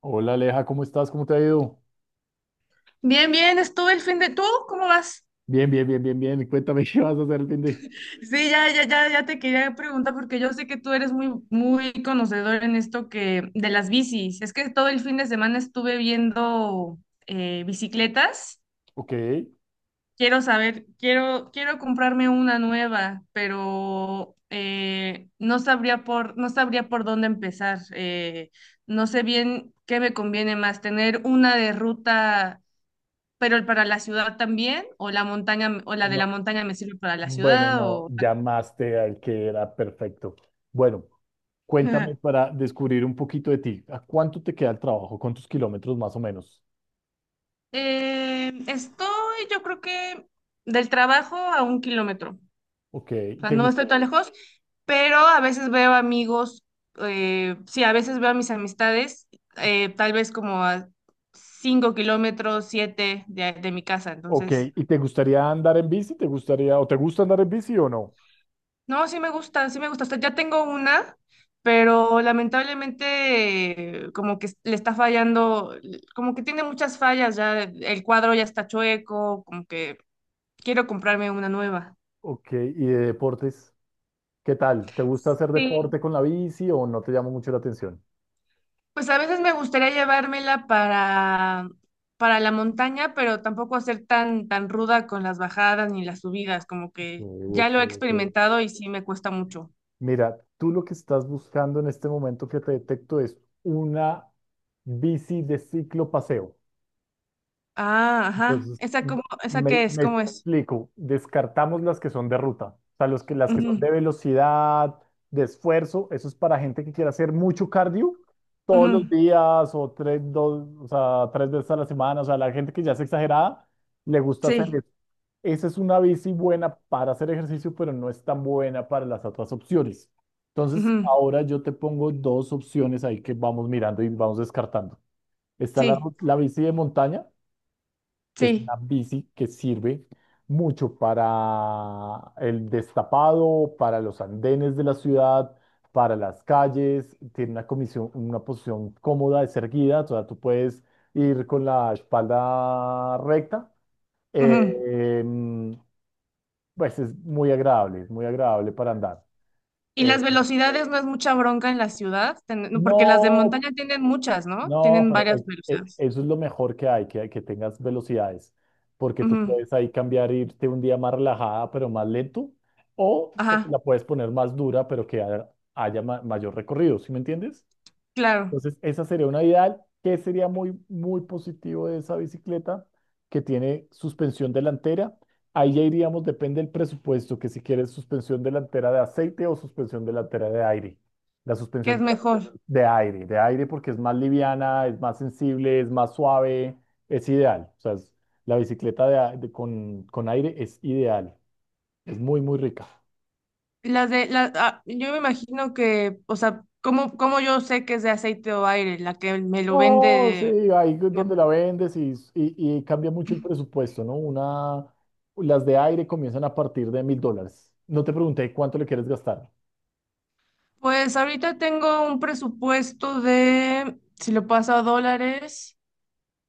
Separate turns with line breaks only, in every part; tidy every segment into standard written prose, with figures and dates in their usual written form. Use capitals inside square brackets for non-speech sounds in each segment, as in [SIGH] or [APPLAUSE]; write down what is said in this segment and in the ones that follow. Hola Aleja, ¿cómo estás? ¿Cómo te ha ido?
Bien, bien, estuve el fin de. ¿Tú cómo vas?
Bien, bien, bien, bien, bien. Cuéntame [LAUGHS] qué vas a hacer el fin de...
Sí, ya, ya, ya, ya te quería preguntar porque yo sé que tú eres muy, muy conocedor en esto que de las bicis. Es que todo el fin de semana estuve viendo bicicletas.
Ok.
Quiero saber, quiero comprarme una nueva, pero no sabría por dónde empezar. No sé bien qué me conviene más, tener una de ruta pero para la ciudad también, o la montaña, o la de la
No,
montaña me sirve para la
bueno,
ciudad,
no,
o.
llamaste al que era perfecto. Bueno, cuéntame
[LAUGHS]
para descubrir un poquito de ti. ¿A cuánto te queda el trabajo? ¿Cuántos kilómetros más o menos?
Estoy, yo creo que del trabajo a 1 kilómetro,
Ok,
o sea,
¿te,
no estoy
gust-
tan lejos, pero a veces veo amigos, sí, a veces veo a mis amistades, tal vez como a 5 kilómetros, 7 de mi casa,
ok,
entonces.
¿y te gustaría andar en bici? ¿Te gustaría o te gusta andar en bici o no?
No, sí me gusta, sí me gusta. O sea, ya tengo una, pero lamentablemente como que le está fallando, como que tiene muchas fallas ya, el cuadro ya está chueco, como que quiero comprarme una nueva.
Ok, ¿y de deportes? ¿Qué tal? ¿Te gusta hacer deporte
Sí.
con la bici o no te llama mucho la atención?
Pues a veces me gustaría llevármela para la montaña, pero tampoco hacer tan, tan ruda con las bajadas ni las subidas, como
Ok,
que ya
ok,
lo he
ok.
experimentado y sí me cuesta mucho.
Mira, tú lo que estás buscando en este momento que te detecto es una bici de ciclo paseo.
Ah, ajá.
Entonces,
¿Esa cómo, esa
me,
qué es?
me
¿Cómo es?
explico, descartamos las que son de ruta, o sea, las que son de
Ujú,
velocidad, de esfuerzo, eso es para gente que quiera hacer mucho cardio todos los
ujú.
días o tres veces a la semana, o sea, la gente que ya es exagerada, le gusta hacer
Sí.
esa es una bici buena para hacer ejercicio, pero no es tan buena para las otras opciones. Entonces,
Ujú.
ahora yo te pongo dos opciones ahí que vamos mirando y vamos descartando. Está
Sí,
la bici de montaña, que es
sí.
una bici que sirve mucho para el destapado, para los andenes de la ciudad, para las calles. Tiene una comisión, una posición cómoda, es erguida, o sea, tú puedes ir con la espalda recta.
Ujú.
Eh, pues es muy agradable para andar.
Y
Eh,
las velocidades no es mucha bronca en la ciudad. No, porque las de
no,
montaña tienen muchas, ¿no?
no,
Tienen varias
pero es- e-
velocidades.
eso es lo mejor que hay, que tengas velocidades, porque tú
Ujú.
puedes ahí cambiar, irte un día más relajada, pero más lento, o te
Ajá,
la puedes poner más dura, pero que haya, mayor recorrido, ¿sí me entiendes?
claro,
Entonces, esa sería una ideal. ¿Qué sería muy, muy positivo de esa bicicleta? Que tiene suspensión delantera. Ahí ya iríamos, depende del presupuesto, que si quieres suspensión delantera de aceite o suspensión delantera de aire. La
que es
suspensión
mejor.
de aire porque es más liviana, es más sensible, es más suave, es ideal. La bicicleta con aire es ideal, es muy, muy rica.
Las de, la, yo me imagino que, o sea, ¿cómo, cómo yo sé que es de aceite o aire? La que me lo
No, sí,
vende.
ahí es
me-
donde la vendes y cambia mucho el presupuesto, ¿no? Una, las de aire comienzan a partir de $1000. No te pregunté cuánto le quieres gastar.
Pues ahorita tengo un presupuesto de, si lo paso a dólares,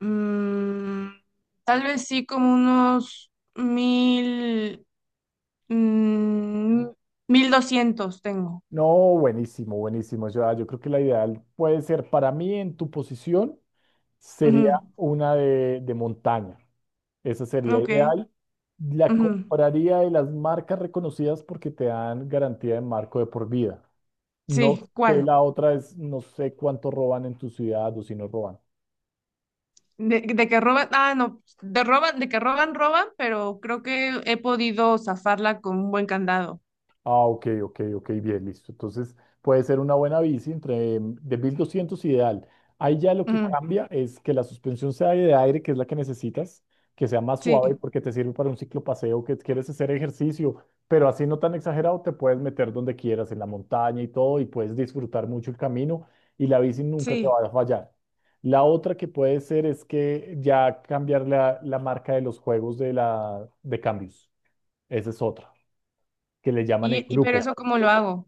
mm, tal vez sí como unos 1000. Mm, 1200 tengo.
No, buenísimo, buenísimo. Yo creo que la ideal puede ser, para mí en tu posición, sería
Ujú.
una de montaña. Esa sería
Ok.
ideal. La
Ujú.
compraría de las marcas reconocidas porque te dan garantía de marco de por vida. No
Sí, ¿cuál?
sé,
Bueno.
la otra es, no sé cuánto roban en tu ciudad o si no roban.
De que roban, no, de roban, de que roban, roban, pero creo que he podido zafarla con un buen candado.
Ah, ok, ok, ok, bien, listo. Entonces puede ser una buena bici entre de 1200 ideal. Ahí ya lo que
Ujú.
cambia es que la suspensión sea de aire, que es la que necesitas, que sea más suave
Sí,
porque te sirve para un ciclopaseo, que quieres hacer ejercicio, pero así no tan exagerado, te puedes meter donde quieras, en la montaña y todo, y puedes disfrutar mucho el camino y la bici nunca te
sí.
va a fallar. La otra que puede ser es que ya cambiar la marca de los juegos de, la, de cambios. Esa es otra, que le llaman el
Y pero
grupo.
eso ¿cómo lo hago?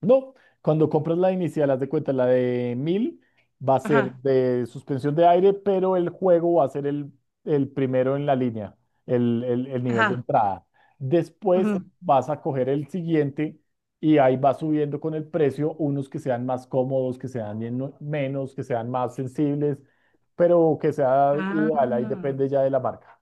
No, cuando compras la inicial, haz de cuenta, la de 1000 va a ser
Ajá,
de suspensión de aire, pero el juego va a ser el primero en la línea, el nivel de
ajá.
entrada. Después
Ujú.
vas a coger el siguiente y ahí va subiendo con el precio, unos que sean más cómodos, que sean menos, que sean más sensibles, pero que sea ideal, ahí
Ah.
depende ya de la marca.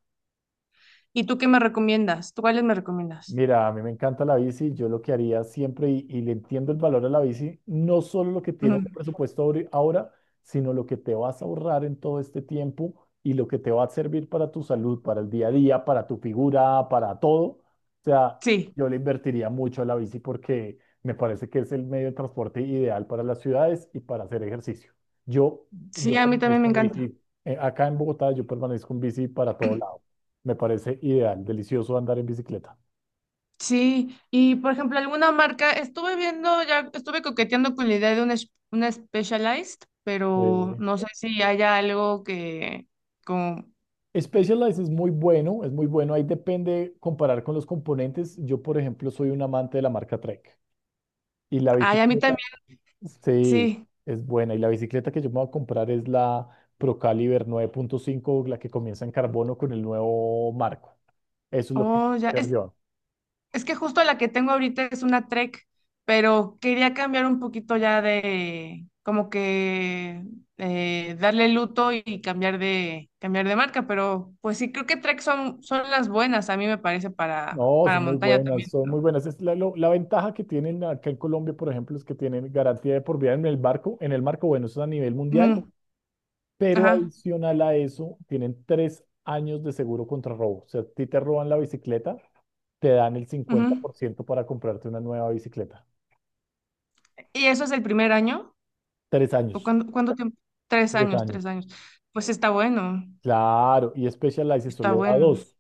¿Y tú qué me recomiendas? ¿Tú cuáles me recomiendas?
Mira, a mí me encanta la bici, yo lo que haría siempre, y le entiendo el valor a la bici, no solo lo que
Ujú.
tienes de presupuesto ahora, sino lo que te vas a ahorrar en todo este tiempo y lo que te va a servir para tu salud, para el día a día, para tu figura, para todo. O sea,
Sí,
yo le invertiría mucho a la bici porque me parece que es el medio de transporte ideal para las ciudades y para hacer ejercicio. Yo,
sí,
yo
a mí también
permanezco
me
en
encanta.
bici, acá en Bogotá yo permanezco en bici para todo lado. Me parece ideal, delicioso andar en bicicleta.
Sí, y por ejemplo, alguna marca, estuve viendo, ya estuve coqueteando con la idea de una, una Specialized, pero
Eh,
no sé si haya algo que, como,
Specialized es muy bueno, es muy bueno. Ahí depende comparar con los componentes. Yo, por ejemplo, soy un amante de la marca Trek. Y la
ay, a mí
bicicleta,
también,
sí,
sí,
es buena. Y la bicicleta que yo me voy a comprar es la Procaliber nueve punto cinco, la que comienza en carbono con el nuevo marco. Eso es lo que voy
oh, ya,
a hacer
es,
yo.
es que justo la que tengo ahorita es una Trek, pero quería cambiar un poquito ya de, como que, darle luto y cambiar de marca, pero pues sí, creo que Trek son las buenas, a mí me parece,
No,
para
son muy
montaña
buenas,
también,
son muy
¿no?
buenas. Es la ventaja que tienen acá en Colombia, por ejemplo, es que tienen garantía de por vida en el barco, en el marco, bueno, eso es a nivel mundial.
Ujú.
Pero
Ajá.
adicional a eso, tienen 3 años de seguro contra robo. O sea, a ti te roban la bicicleta, te dan el cincuenta
Ujú.
por ciento para comprarte una nueva bicicleta.
¿Y eso es el primer año?
Tres
¿O
años.
cuánto, cuánto tiempo? Tres
Tres
años, tres
años.
años. Pues está bueno,
Claro, y Specialized
está
solo da
bueno.
dos.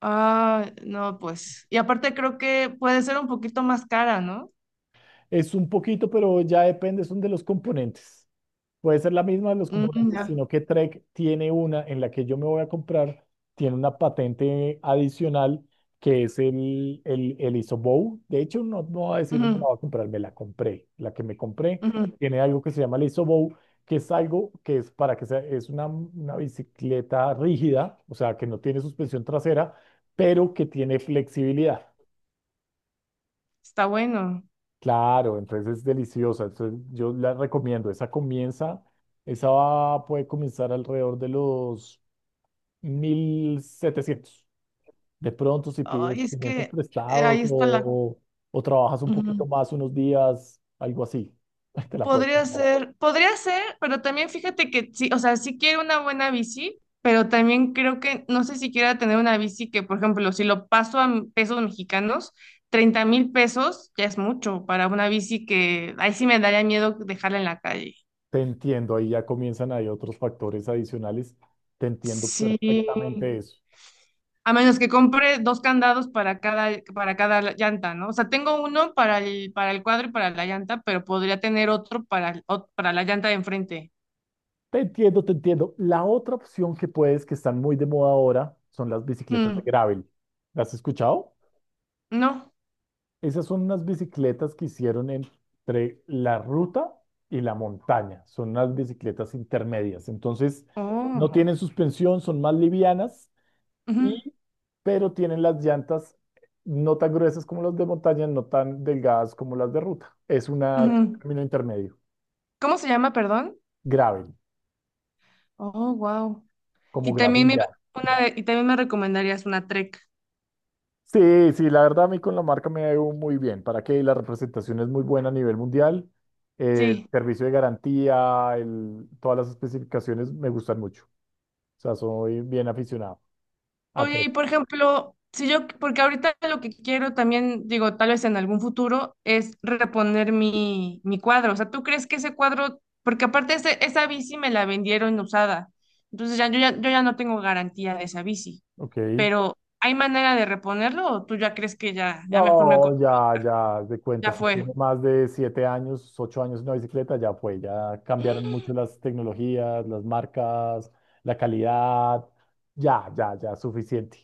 Ah, no, pues. Y aparte creo que puede ser un poquito más cara, ¿no?
Es un poquito, pero ya depende, son de los componentes. Puede ser la misma de los
Mm,
componentes,
ya.
sino que Trek tiene una en la que yo me voy a comprar, tiene una patente adicional que es el ISOBOW. De hecho, no, no voy a decir me la
Ujú,
voy a comprar, me la compré. La que me compré
ujú.
tiene algo que se llama el ISOBOW, que es algo que es para que sea, es una bicicleta rígida, o sea, que no tiene suspensión trasera, pero que tiene flexibilidad.
Está bueno.
Claro, entonces es deliciosa. Entonces yo la recomiendo. Esa comienza, puede comenzar alrededor de los 1700. De pronto, si pides
Ay, es
500
que
prestados
ahí está la.
o trabajas un poquito
Ujú.
más unos días, algo así, [LAUGHS] te la puedes comprar.
Podría ser, pero también fíjate que sí, o sea, sí quiero una buena bici, pero también creo que no sé si quiera tener una bici que, por ejemplo, si lo paso a pesos mexicanos, 30,000 pesos ya es mucho para una bici que ahí sí me daría miedo dejarla en la calle.
Te entiendo, ahí ya comienzan ahí otros factores adicionales. Te entiendo
Sí,
perfectamente eso.
a menos que compre dos candados para cada llanta, ¿no? O sea, tengo uno para el cuadro y para la llanta, pero podría tener otro para, para la llanta de enfrente.
Te entiendo, te entiendo. La otra opción que puedes, que están muy de moda ahora, son las bicicletas de
Mm,
gravel. ¿Las has escuchado?
no.
Esas son unas bicicletas que hicieron entre la ruta y la montaña. Son unas bicicletas intermedias. Entonces, no
Oh.
tienen suspensión, son más livianas,
Ujú,
pero tienen las llantas no tan gruesas como las de montaña, no tan delgadas como las de ruta. Es un
ujú.
término intermedio.
¿Cómo se llama, perdón?
Gravel,
Oh, wow.
como
Y también me,
gravilla.
y también me recomendarías una Trek.
Sí, sí, la verdad a mí con la marca me ha ido muy bien. ¿Para qué? La representación es muy buena a nivel mundial.
Sí.
Servicio de garantía, todas las especificaciones me gustan mucho. O sea, soy bien aficionado. A
Oye,
tres.
y por ejemplo, si yo, porque ahorita lo que quiero también, digo, tal vez en algún futuro, es reponer mi, mi cuadro. O sea, ¿tú crees que ese cuadro, porque aparte esa bici me la vendieron usada, entonces ya, yo ya no tengo garantía de esa bici,
Ok.
pero ¿hay manera de reponerlo o tú ya crees que ya, ya mejor
No, ya, ya, haz de cuenta,
ya
si
fue?
tiene más de 7 años, 8 años una bicicleta, ya fue, ya cambiaron
[GASPS]
mucho las tecnologías, las marcas, la calidad, ya, ya, ya, suficiente.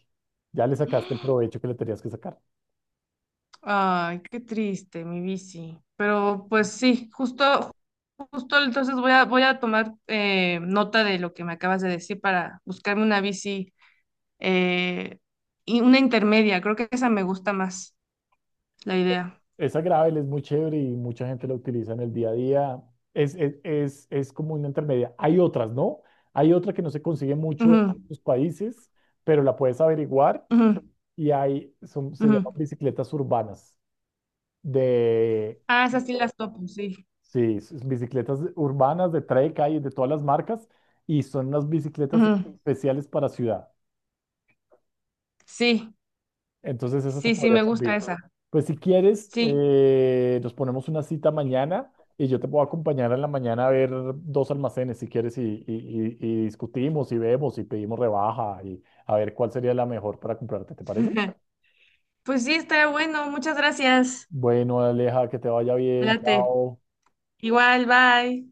Ya le sacaste el provecho que le tenías que sacar.
Ay, qué triste, mi bici. Pero pues sí, justo, justo entonces voy a, voy a tomar nota de lo que me acabas de decir para buscarme una bici eh, y una intermedia. Creo que esa me gusta más, la idea.
Esa gravel es muy chévere y mucha gente la utiliza en el día a día. Es como una intermedia. Hay otras, ¿no? Hay otra que no se consigue mucho en
Ujú,
los países, pero la puedes averiguar
ujú,
y hay, son, se
ujú.
llaman bicicletas urbanas, de,
Ah, esas sí las topo, sí.
sí, bicicletas urbanas de Trek, hay de todas las marcas, y son unas bicicletas
Ujú.
especiales para ciudad.
Sí,
Entonces, eso te
sí, sí,
podría
me gusta
servir.
esa.
Pues si quieres,
Sí.
nos ponemos una cita mañana y yo te puedo acompañar en la mañana a ver dos almacenes si quieres y discutimos y vemos y pedimos rebaja y a ver cuál sería la mejor para comprarte, ¿te parece?
[LAUGHS] Pues sí, está bueno. Muchas gracias.
Bueno, Aleja, que te vaya bien,
Adelante.
chao.
Igual, bye.